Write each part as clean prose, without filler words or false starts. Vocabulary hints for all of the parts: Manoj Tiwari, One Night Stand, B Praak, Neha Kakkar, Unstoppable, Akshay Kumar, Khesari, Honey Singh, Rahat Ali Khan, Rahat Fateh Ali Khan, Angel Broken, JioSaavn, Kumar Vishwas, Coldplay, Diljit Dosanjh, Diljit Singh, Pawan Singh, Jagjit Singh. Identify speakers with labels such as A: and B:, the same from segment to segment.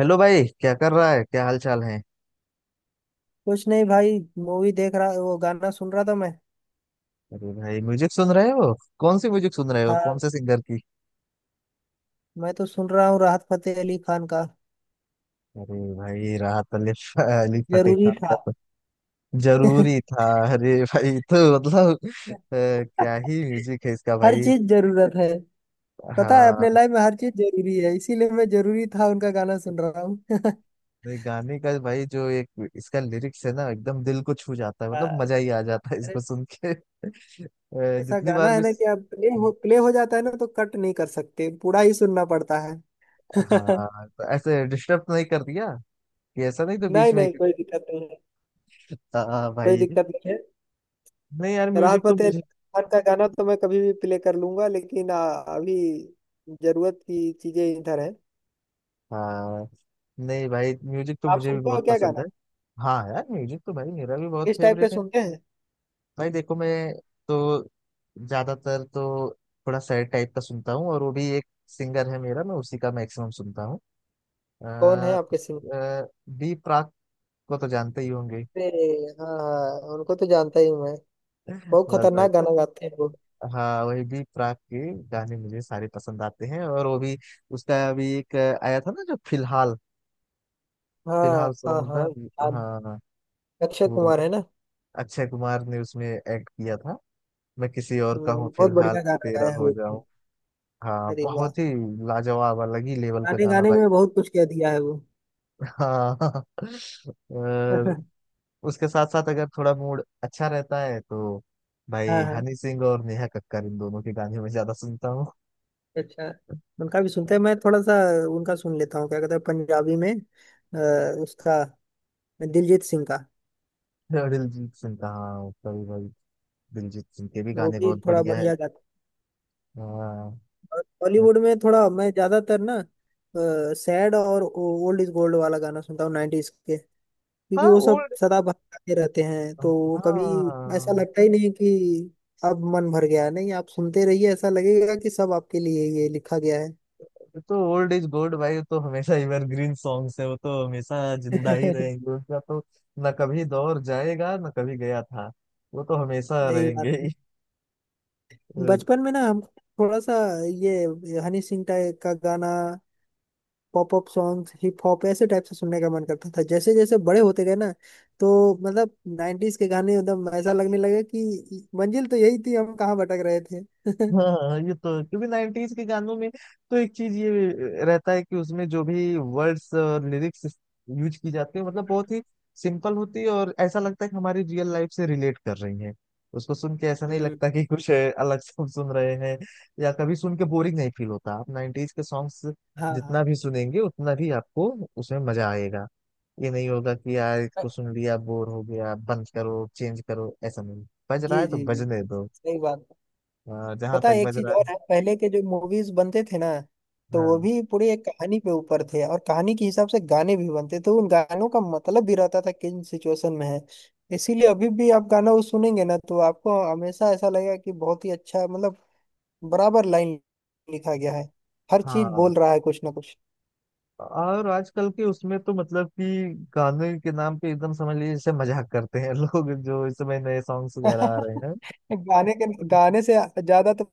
A: Hello भाई, क्या कर रहा है? क्या हाल चाल है?
B: कुछ नहीं भाई। मूवी देख रहा, वो गाना सुन रहा था मैं।
A: अरे भाई, म्यूजिक सुन रहे हो? कौन सी म्यूजिक सुन रहे हो?
B: हाँ,
A: कौन से सिंगर की?
B: मैं तो सुन रहा हूँ राहत फतेह अली खान का।
A: अरे भाई, राहत अली, अली फतेह
B: जरूरी
A: खान का
B: था।
A: तो जरूरी था। अरे भाई, तो मतलब क्या ही म्यूजिक है इसका
B: हर
A: भाई।
B: चीज जरूरत है। पता है अपने
A: हाँ,
B: लाइफ में हर चीज जरूरी है, इसीलिए मैं जरूरी था उनका गाना सुन रहा हूँ।
A: ये गाने का भाई, जो एक इसका लिरिक्स है ना, एकदम दिल को छू जाता है,
B: हाँ,
A: मतलब मजा ही आ जाता है
B: अरे
A: इसको सुन के
B: ऐसा
A: जितनी बार
B: गाना है
A: भी।
B: ना कि आप प्ले हो जाता है ना, तो कट नहीं कर सकते, पूरा ही सुनना पड़ता है।
A: हाँ, तो ऐसे डिस्टर्ब नहीं कर दिया कि ऐसा नहीं तो बीच
B: नहीं
A: में
B: नहीं, कोई दिक्कत नहीं है।
A: हाँ
B: कोई
A: भाई।
B: दिक्कत नहीं है।
A: नहीं यार,
B: राहत
A: म्यूजिक तो
B: फतेह अली
A: मुझे।
B: खान का गाना तो मैं कभी भी प्ले कर लूंगा, लेकिन अभी जरूरत की चीजें इधर है।
A: हाँ। नहीं भाई, म्यूजिक तो
B: आप
A: मुझे भी
B: सुनते हो
A: बहुत
B: क्या
A: पसंद
B: गाना?
A: है। हाँ यार, म्यूजिक तो भाई मेरा भी बहुत
B: किस टाइप के
A: फेवरेट है।
B: सुनते हैं?
A: भाई देखो, मैं तो ज्यादातर तो थोड़ा सैड टाइप का सुनता हूँ, और वो भी एक सिंगर है मेरा, मैं उसी का मैक्सिमम सुनता हूँ। अ,
B: कौन है आपके सिंगर?
A: अ, बी प्राक को तो जानते ही होंगे।
B: अरे हाँ हाँ, उनको तो जानता ही हूँ मैं। बहुत
A: बस भाई।
B: खतरनाक गाना गाते हैं वो।
A: हाँ, वही बी प्राक के गाने मुझे सारे पसंद आते हैं, और वो भी उसका अभी एक आया था ना, जो फिलहाल फिलहाल
B: हाँ हाँ
A: सॉन्ग
B: हाँ।
A: था।
B: हाँ,
A: हाँ हाँ,
B: अक्षय
A: वो
B: कुमार है ना।
A: अक्षय कुमार ने उसमें एक्ट किया था, मैं किसी और का हूँ
B: बहुत
A: फिलहाल
B: बढ़िया
A: कि
B: गाना
A: तेरा
B: गाया है
A: हो
B: वो।
A: जाऊं। हाँ
B: अरे वाह!
A: बहुत ही लाजवाब, अलग ही लेवल का
B: गाने
A: गाना
B: गाने
A: भाई।
B: में बहुत कुछ कह दिया है वो।
A: हाँ। और उसके साथ साथ अगर थोड़ा मूड अच्छा रहता है तो
B: हाँ
A: भाई,
B: हाँ।
A: हनी सिंह और नेहा कक्कड़, इन दोनों के गाने मैं ज्यादा सुनता हूँ।
B: अच्छा, उनका भी सुनते हैं मैं थोड़ा सा। उनका सुन लेता हूँ, क्या कहते हैं पंजाबी में उसका, मैं दिलजीत सिंह का।
A: और दिलजीत सिंह का, हाँ उसका भी भाई, दिलजीत सिंह के भी
B: वो
A: गाने
B: भी
A: बहुत
B: थोड़ा
A: बढ़िया है।
B: बढ़िया गाता
A: हाँ।
B: है। बॉलीवुड में थोड़ा मैं ज्यादातर ना सैड और ओल्ड इज गोल्ड वाला गाना सुनता हूँ 90s के, क्योंकि
A: हाँ
B: वो सब
A: ओल्ड।
B: सदा बहकाते रहते हैं, तो वो कभी ऐसा
A: हाँ,
B: लगता ही नहीं कि अब मन भर गया है। नहीं, आप सुनते रहिए, ऐसा लगेगा कि सब आपके लिए ये लिखा गया है।
A: ये तो ओल्ड इज गोल्ड भाई, वो तो हमेशा एवरग्रीन सॉन्ग्स है, वो तो हमेशा जिंदा ही रहेंगे उनका तो, न कभी दौर जाएगा न कभी गया था, वो तो हमेशा
B: यही बात
A: रहेंगे।
B: है। बचपन में ना हम थोड़ा सा ये हनी सिंह टाइप का गाना, pop up songs, hip hop, ऐसे टाइप से सुनने का मन करता था। जैसे जैसे बड़े होते गए ना, तो मतलब नाइन्टीज के गाने एकदम ऐसा लगने लगा कि मंजिल तो यही थी, हम कहाँ भटक रहे थे।
A: हाँ, ये तो है। क्योंकि 90s के गानों में तो एक चीज ये रहता है कि उसमें जो भी वर्ड्स और लिरिक्स यूज की जाती है, मतलब बहुत ही सिंपल होती है, और ऐसा लगता है कि हमारी रियल लाइफ से रिलेट कर रही है। उसको सुन के ऐसा नहीं
B: हम्म।
A: लगता कि कुछ है, अलग से हम सुन रहे हैं, या कभी सुन के बोरिंग नहीं फील होता। आप 90s के सॉन्ग्स
B: हाँ
A: जितना
B: हाँ।
A: भी सुनेंगे उतना भी आपको उसमें मजा आएगा। ये नहीं होगा कि यार इसको सुन लिया बोर हो गया बंद करो चेंज करो, ऐसा नहीं। बज रहा
B: जी
A: है तो
B: जी जी,
A: बजने दो,
B: सही बात।
A: जहां
B: पता है
A: तक
B: एक
A: बज
B: चीज
A: रहा
B: और
A: है।
B: है, पहले के जो मूवीज बनते थे ना, तो वो
A: हाँ।
B: भी पूरी एक कहानी पे ऊपर थे, और कहानी के हिसाब से गाने भी बनते थे। उन गानों का मतलब भी रहता था किन सिचुएशन में है। इसीलिए अभी भी आप गाना वो सुनेंगे ना, तो आपको हमेशा ऐसा लगेगा कि बहुत ही अच्छा, मतलब बराबर लाइन लिखा गया है। हर चीज
A: हाँ,
B: बोल रहा है कुछ ना कुछ।
A: और आजकल के उसमें तो मतलब कि गाने के नाम पे एकदम समझ लीजिए जैसे मजाक करते हैं लोग, जो इस समय नए सॉन्ग्स वगैरह आ रहे हैं।
B: गाने के गाने से ज्यादा तो,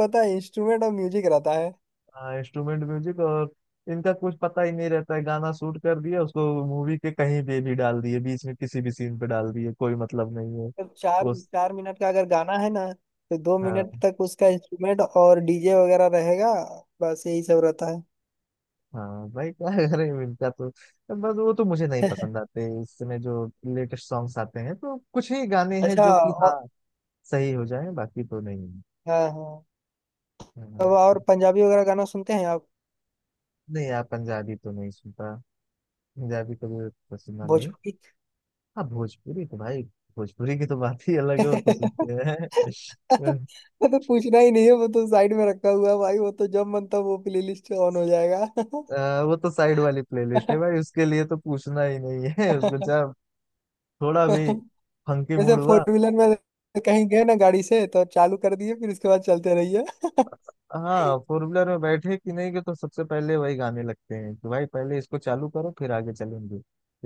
B: पता है, इंस्ट्रूमेंट और म्यूजिक रहता है।
A: हाँ, इंस्ट्रूमेंट म्यूजिक, और इनका कुछ पता ही नहीं रहता है। गाना शूट कर दिया, उसको मूवी के कहीं पे भी डाल दिए, बीच में किसी भी सीन पे डाल दिए, कोई मतलब नहीं है
B: तो चार
A: वो।
B: चार मिनट का अगर गाना है ना, तो 2 मिनट
A: हाँ।
B: तक उसका इंस्ट्रूमेंट और डीजे वगैरह रहेगा। बस यही सब रहता है।
A: हाँ भाई, क्या करें, इनका तो बस। वो तो मुझे नहीं पसंद आते, इस समय जो लेटेस्ट सॉन्ग्स आते हैं, तो कुछ ही गाने हैं
B: अच्छा,
A: जो कि हाँ
B: और
A: सही हो जाए, बाकी तो नहीं।
B: हाँ हाँ, तो
A: हम्म।
B: और पंजाबी वगैरह गाना सुनते हैं आप?
A: नहीं यार, पंजाबी तो नहीं सुनता। पंजाबी कभी तो सुना नहीं।
B: भोजपुरी।
A: हाँ भोजपुरी तो भाई, भोजपुरी की तो बात ही अलग है, वो तो सुनते हैं।
B: वो तो पूछना ही नहीं है, वो तो साइड में रखा हुआ है भाई, वो तो जब मन तब वो प्लेलिस्ट ऑन हो जाएगा।
A: वो तो साइड वाली प्लेलिस्ट है भाई, उसके लिए तो पूछना ही नहीं है। उसको जब थोड़ा भी फंकी
B: जैसे
A: मूड
B: फोर
A: हुआ।
B: व्हीलर में कहीं गए ना गाड़ी से, तो चालू कर दिए, फिर उसके बाद चलते रहिए।
A: हाँ, फोर व्हीलर में बैठे कि नहीं कि तो सबसे पहले वही गाने लगते हैं, कि भाई पहले इसको चालू करो फिर आगे चलेंगे,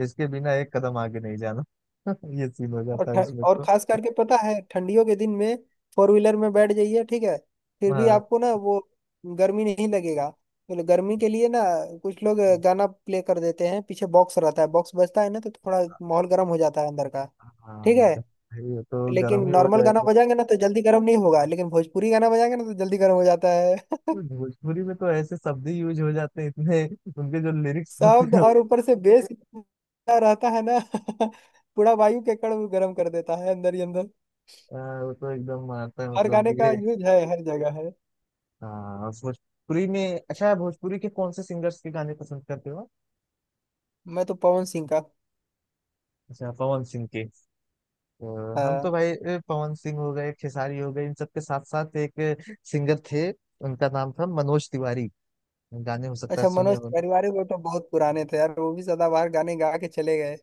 A: इसके बिना एक कदम आगे नहीं जाना। ये सीन हो
B: और
A: जाता है उसमें
B: और
A: तो।
B: खास करके पता है, ठंडियों के दिन में फोर व्हीलर में बैठ जाइए, ठीक है, फिर भी
A: हाँ।
B: आपको ना वो गर्मी नहीं लगेगा। तो गर्मी के लिए ना कुछ लोग गाना प्ले कर देते हैं, पीछे बॉक्स रहता है, बॉक्स बजता है ना, तो थोड़ा माहौल गर्म हो जाता है अंदर का।
A: हाँ
B: ठीक है,
A: एकदम भाई, वो तो गर्म
B: लेकिन
A: ही हो
B: नॉर्मल गाना
A: जाएगा।
B: बजाएंगे ना तो जल्दी गर्म नहीं होगा, लेकिन भोजपुरी गाना बजाएंगे ना तो जल्दी गर्म हो जाता।
A: भोजपुरी में तो ऐसे शब्द ही यूज हो जाते हैं इतने, उनके जो लिरिक्स होते
B: शब्द
A: हैं वो
B: और ऊपर से बेस इतना रहता है ना। पूरा वायु के कण वो गर्म कर देता है अंदर ही अंदर।
A: वो तो एकदम मारता है,
B: हर
A: मतलब
B: गाने
A: कि
B: का
A: ये।
B: यूज है, हर जगह है।
A: हाँ, और भोजपुरी में, अच्छा, भोजपुरी के कौन से सिंगर्स के गाने पसंद करते हो आप?
B: मैं तो पवन सिंह का।
A: अच्छा पवन सिंह के। तो हम तो
B: हाँ,
A: भाई पवन सिंह हो गए, खेसारी हो गए, इन सब के साथ साथ एक सिंगर थे, उनका नाम था मनोज तिवारी। गाने हो सकता है
B: अच्छा,
A: सुने
B: मनोज
A: हो।
B: परिवार, वो तो बहुत पुराने थे यार, वो भी सदाबहार गाने गा के चले गए।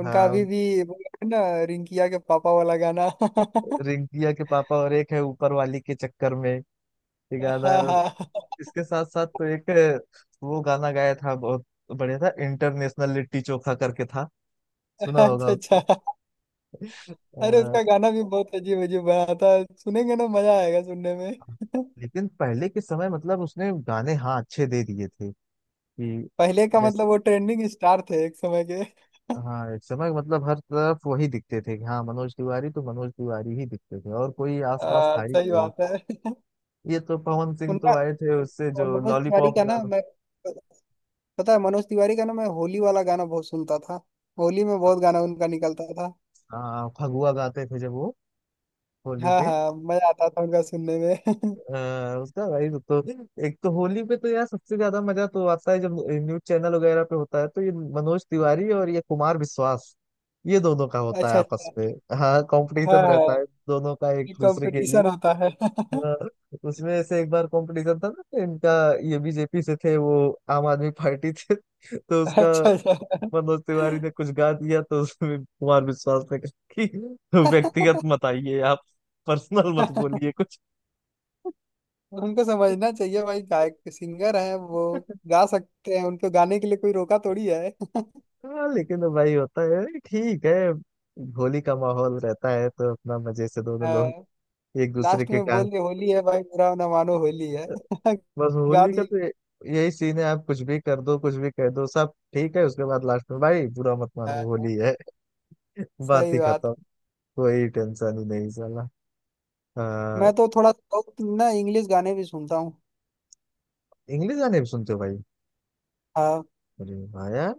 B: उनका अभी
A: हाँ,
B: भी वो है ना, रिंकिया के पापा वाला गाना।
A: रिंकिया के पापा और एक है ऊपर वाली के चक्कर में, एक गाना।
B: हाँ हाँ।
A: इसके साथ साथ तो एक वो गाना गाया था, बहुत बढ़िया था, इंटरनेशनल लिट्टी चोखा करके था, सुना
B: अच्छा
A: होगा उसको।
B: अच्छा।
A: अ,
B: अरे उसका गाना भी बहुत अजीब अजीब बना था। सुनेंगे ना, मजा आएगा सुनने में।
A: लेकिन पहले के समय मतलब उसने गाने हाँ अच्छे दे दिए थे, कि
B: पहले का मतलब
A: जैसे
B: वो ट्रेंडिंग स्टार थे एक समय के।
A: हाँ, एक समय मतलब हर तरफ वही दिखते थे, कि हाँ मनोज तिवारी तो मनोज तिवारी ही दिखते थे, और कोई आसपास था ही
B: सही
A: नहीं।
B: बात है।
A: ये तो पवन सिंह तो
B: उनका
A: आए थे उससे, जो
B: मनोज तिवारी
A: लॉलीपॉप
B: का ना
A: गाना।
B: मैं, पता है मनोज तिवारी का ना मैं होली वाला गाना बहुत सुनता था। होली में बहुत गाना उनका निकलता था।
A: हाँ, फगुआ गाते थे जब वो होली
B: हाँ
A: पे।
B: हाँ, मजा आता था उनका सुनने में।
A: उसका भाई वो तो, एक तो होली पे तो यार सबसे ज्यादा मजा तो आता है जब न्यूज चैनल वगैरह पे होता है, तो ये मनोज तिवारी और ये कुमार विश्वास, ये दोनों का होता है
B: अच्छा
A: आपस
B: अच्छा।
A: में। हाँ,
B: हाँ
A: कंपटीशन
B: हाँ,
A: रहता है दोनों का एक
B: ये
A: दूसरे के लिए।
B: कंपटीशन होता है।
A: हाँ, उसमें से एक बार कंपटीशन था ना तो इनका, ये बीजेपी से थे, वो आम आदमी पार्टी थे, तो
B: अच्छा
A: उसका
B: अच्छा।
A: मनोज तिवारी ने कुछ गा दिया तो उसमें कुमार विश्वास ने कहा कि व्यक्तिगत मत आइए आप, पर्सनल मत बोलिए
B: उनको समझना चाहिए भाई, गायक सिंगर हैं वो,
A: कुछ।
B: गा सकते हैं, उनको गाने के लिए कोई रोका थोड़ी है।
A: हाँ, लेकिन तो भाई होता है, ठीक है, होली का माहौल रहता है, तो अपना मजे से दोनों लोग एक दूसरे
B: लास्ट
A: की
B: में
A: टांग।
B: बोल दे, होली है भाई, बुरा ना मानो होली है।
A: बस
B: गा
A: होली का
B: दिए।
A: तो यही सीन है, आप कुछ भी कर दो कुछ भी कह दो सब ठीक है, उसके बाद लास्ट में भाई बुरा मत मानो
B: हाँ,
A: होली है। बात
B: सही
A: ही
B: बात।
A: खत्म, कोई टेंशन ही नहीं साला। हाँ,
B: मैं तो थोड़ा बहुत ना इंग्लिश गाने भी सुनता हूँ।
A: इंग्लिश गाने भी सुनते हो भाई?
B: हाँ।
A: अरे वाह यार,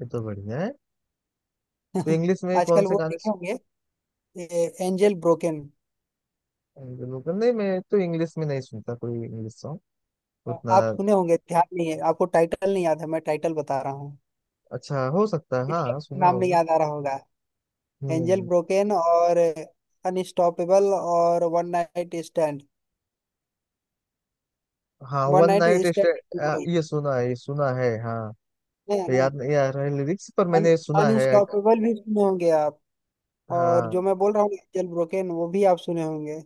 A: ये तो बढ़िया है। तो इंग्लिश में कौन
B: आजकल
A: से
B: वो
A: गाने?
B: देखे होंगे, एंजल ब्रोकन।
A: नहीं मैं तो इंग्लिश में नहीं सुनता कोई इंग्लिश सॉन्ग उतना।
B: आप सुने होंगे, ध्यान नहीं है आपको, टाइटल नहीं याद है, मैं टाइटल बता रहा हूँ,
A: अच्छा, हो सकता है हाँ
B: इसलिए
A: सुना
B: नाम नहीं
A: होगा।
B: याद आ रहा होगा। Angel
A: hmm.
B: ब्रोकन और अनस्टॉपेबल और वन नाइट स्टैंड।
A: हाँ,
B: one
A: one
B: night
A: night
B: stand
A: stand ये सुना है, ये सुना है हाँ।
B: है
A: तो
B: ना।
A: याद नहीं आ रहा है लिरिक्स पर,
B: अन,
A: मैंने ये सुना है।
B: अनस्टॉपेबल भी सुने होंगे आप, और जो
A: हाँ।
B: मैं बोल रहा हूँ एंजल ब्रोकेन वो भी आप सुने होंगे।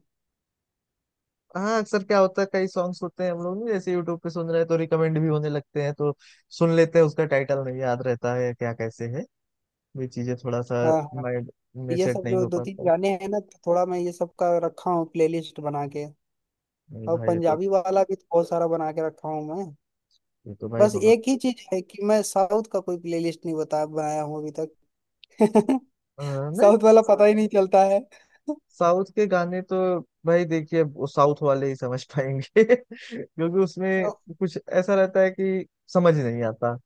A: हाँ, अक्सर क्या होता है कई सॉन्ग्स होते हैं, हम लोग ना, जैसे यूट्यूब पे सुन रहे हैं तो रिकमेंड भी होने लगते हैं, तो सुन लेते हैं, उसका टाइटल नहीं याद रहता है क्या कैसे है, ये चीजें थोड़ा सा
B: हाँ हाँ।
A: माइंड में
B: ये
A: सेट
B: सब
A: नहीं
B: जो
A: हो
B: दो तीन
A: पाता है।
B: गाने हैं ना, तो थोड़ा मैं ये सब का रखा हूँ प्लेलिस्ट बना के।
A: नहीं
B: और
A: भाई, ये तो
B: पंजाबी वाला भी तो बहुत सारा बना के रखा हूँ मैं।
A: ये तो भाई
B: बस
A: बहुत
B: एक ही चीज है कि मैं साउथ का कोई प्लेलिस्ट नहीं बता बनाया हूँ अभी तक।
A: अ, नहीं।
B: साउथ वाला पता ही नहीं चलता है।
A: साउथ के गाने तो भाई देखिए, वो साउथ वाले ही समझ पाएंगे। क्योंकि
B: तो
A: उसमें कुछ ऐसा रहता है कि समझ नहीं आता,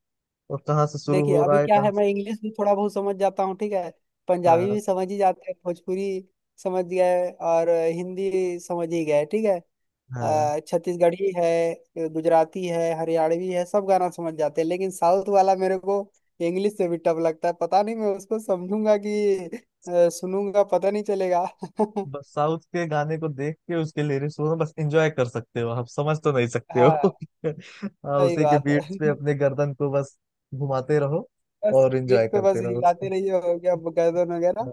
A: और कहाँ से शुरू
B: देखिए
A: हो
B: अभी
A: रहा है
B: क्या है,
A: कहाँ से।
B: मैं इंग्लिश भी थोड़ा बहुत समझ जाता हूँ, ठीक है, पंजाबी
A: हाँ।
B: भी समझ ही जाते हैं, भोजपुरी समझ गए, और हिंदी समझ ही गए, ठीक है।
A: हाँ,
B: छत्तीसगढ़ी है, गुजराती है, हरियाणवी है, सब गाना समझ जाते हैं, लेकिन साउथ वाला मेरे को इंग्लिश से भी टफ लगता है, पता नहीं मैं उसको समझूंगा कि सुनूंगा पता नहीं चलेगा।
A: बस साउथ के गाने को देख के उसके लिरिक्स को ना बस एंजॉय कर सकते हो, आप समझ तो नहीं सकते
B: हाँ,
A: हो। हाँ,
B: सही
A: उसी के
B: बात
A: बीट्स पे
B: है।
A: अपने गर्दन को बस घुमाते रहो
B: बस
A: और
B: पीठ
A: एंजॉय
B: पे बस
A: करते रहो
B: हिलाते
A: उसको।
B: रहिए, हो गया गर्दन वगैरह,
A: हाँ।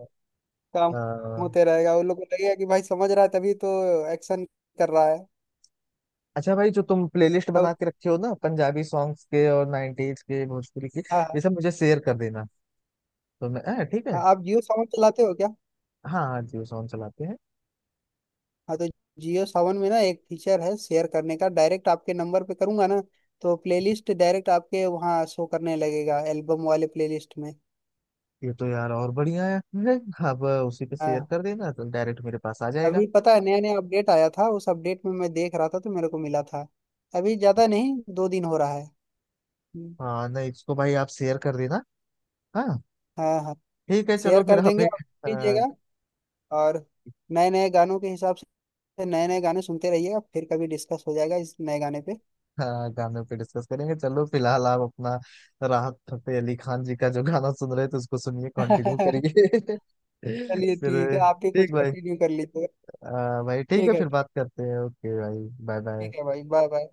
B: काम
A: हाँ।
B: होते रहेगा। उन लोग को लगेगा कि भाई समझ रहा है, तभी तो एक्शन कर रहा है।
A: अच्छा भाई, जो तुम प्लेलिस्ट
B: अब
A: बना के रखे हो ना, पंजाबी सॉन्ग्स के और 90s के, भोजपुरी के, ये
B: हाँ
A: सब मुझे शेयर कर देना, तो मैं हाँ, ठीक है।
B: हाँ, आप जियो साउंड चलाते हो?
A: हाँ। हाँ, जियो साउंड चलाते हैं।
B: हाँ, तो जियो सावन में ना एक फीचर है शेयर करने का, डायरेक्ट आपके नंबर पे करूंगा ना, तो प्लेलिस्ट डायरेक्ट आपके वहाँ शो करने लगेगा, एल्बम वाले प्लेलिस्ट में।
A: ये तो यार और बढ़िया है। हाँ, अब उसी पे शेयर
B: हाँ,
A: कर देना तो डायरेक्ट मेरे पास आ जाएगा।
B: अभी पता है नया नया अपडेट आया था, उस अपडेट में मैं देख रहा था तो मेरे को मिला था। अभी ज़्यादा नहीं, 2 दिन हो रहा है। हम्म,
A: हाँ, नहीं इसको भाई आप शेयर कर देना। हाँ
B: हाँ हाँ।
A: ठीक है,
B: शेयर
A: चलो फिर
B: कर
A: आप
B: देंगे, आप
A: एक
B: सुन
A: अ,
B: लीजिएगा, और नए नए गानों के हिसाब से नए नए गाने सुनते रहिएगा, फिर कभी डिस्कस हो जाएगा इस नए गाने पे।
A: अ, गाने पे डिस्कस करेंगे। चलो फिलहाल आप अपना राहत फतेह अली खान जी का जो गाना सुन रहे थे उसको सुनिए, कंटिन्यू करिए।
B: चलिए ठीक
A: फिर
B: है, आप भी
A: ठीक
B: कुछ
A: भाई।
B: कंटिन्यू कर लीजिएगा।
A: भाई ठीक है,
B: ठीक है।
A: फिर बात करते हैं, ओके भाई, बाय बाय।
B: ठीक है भाई, बाय बाय।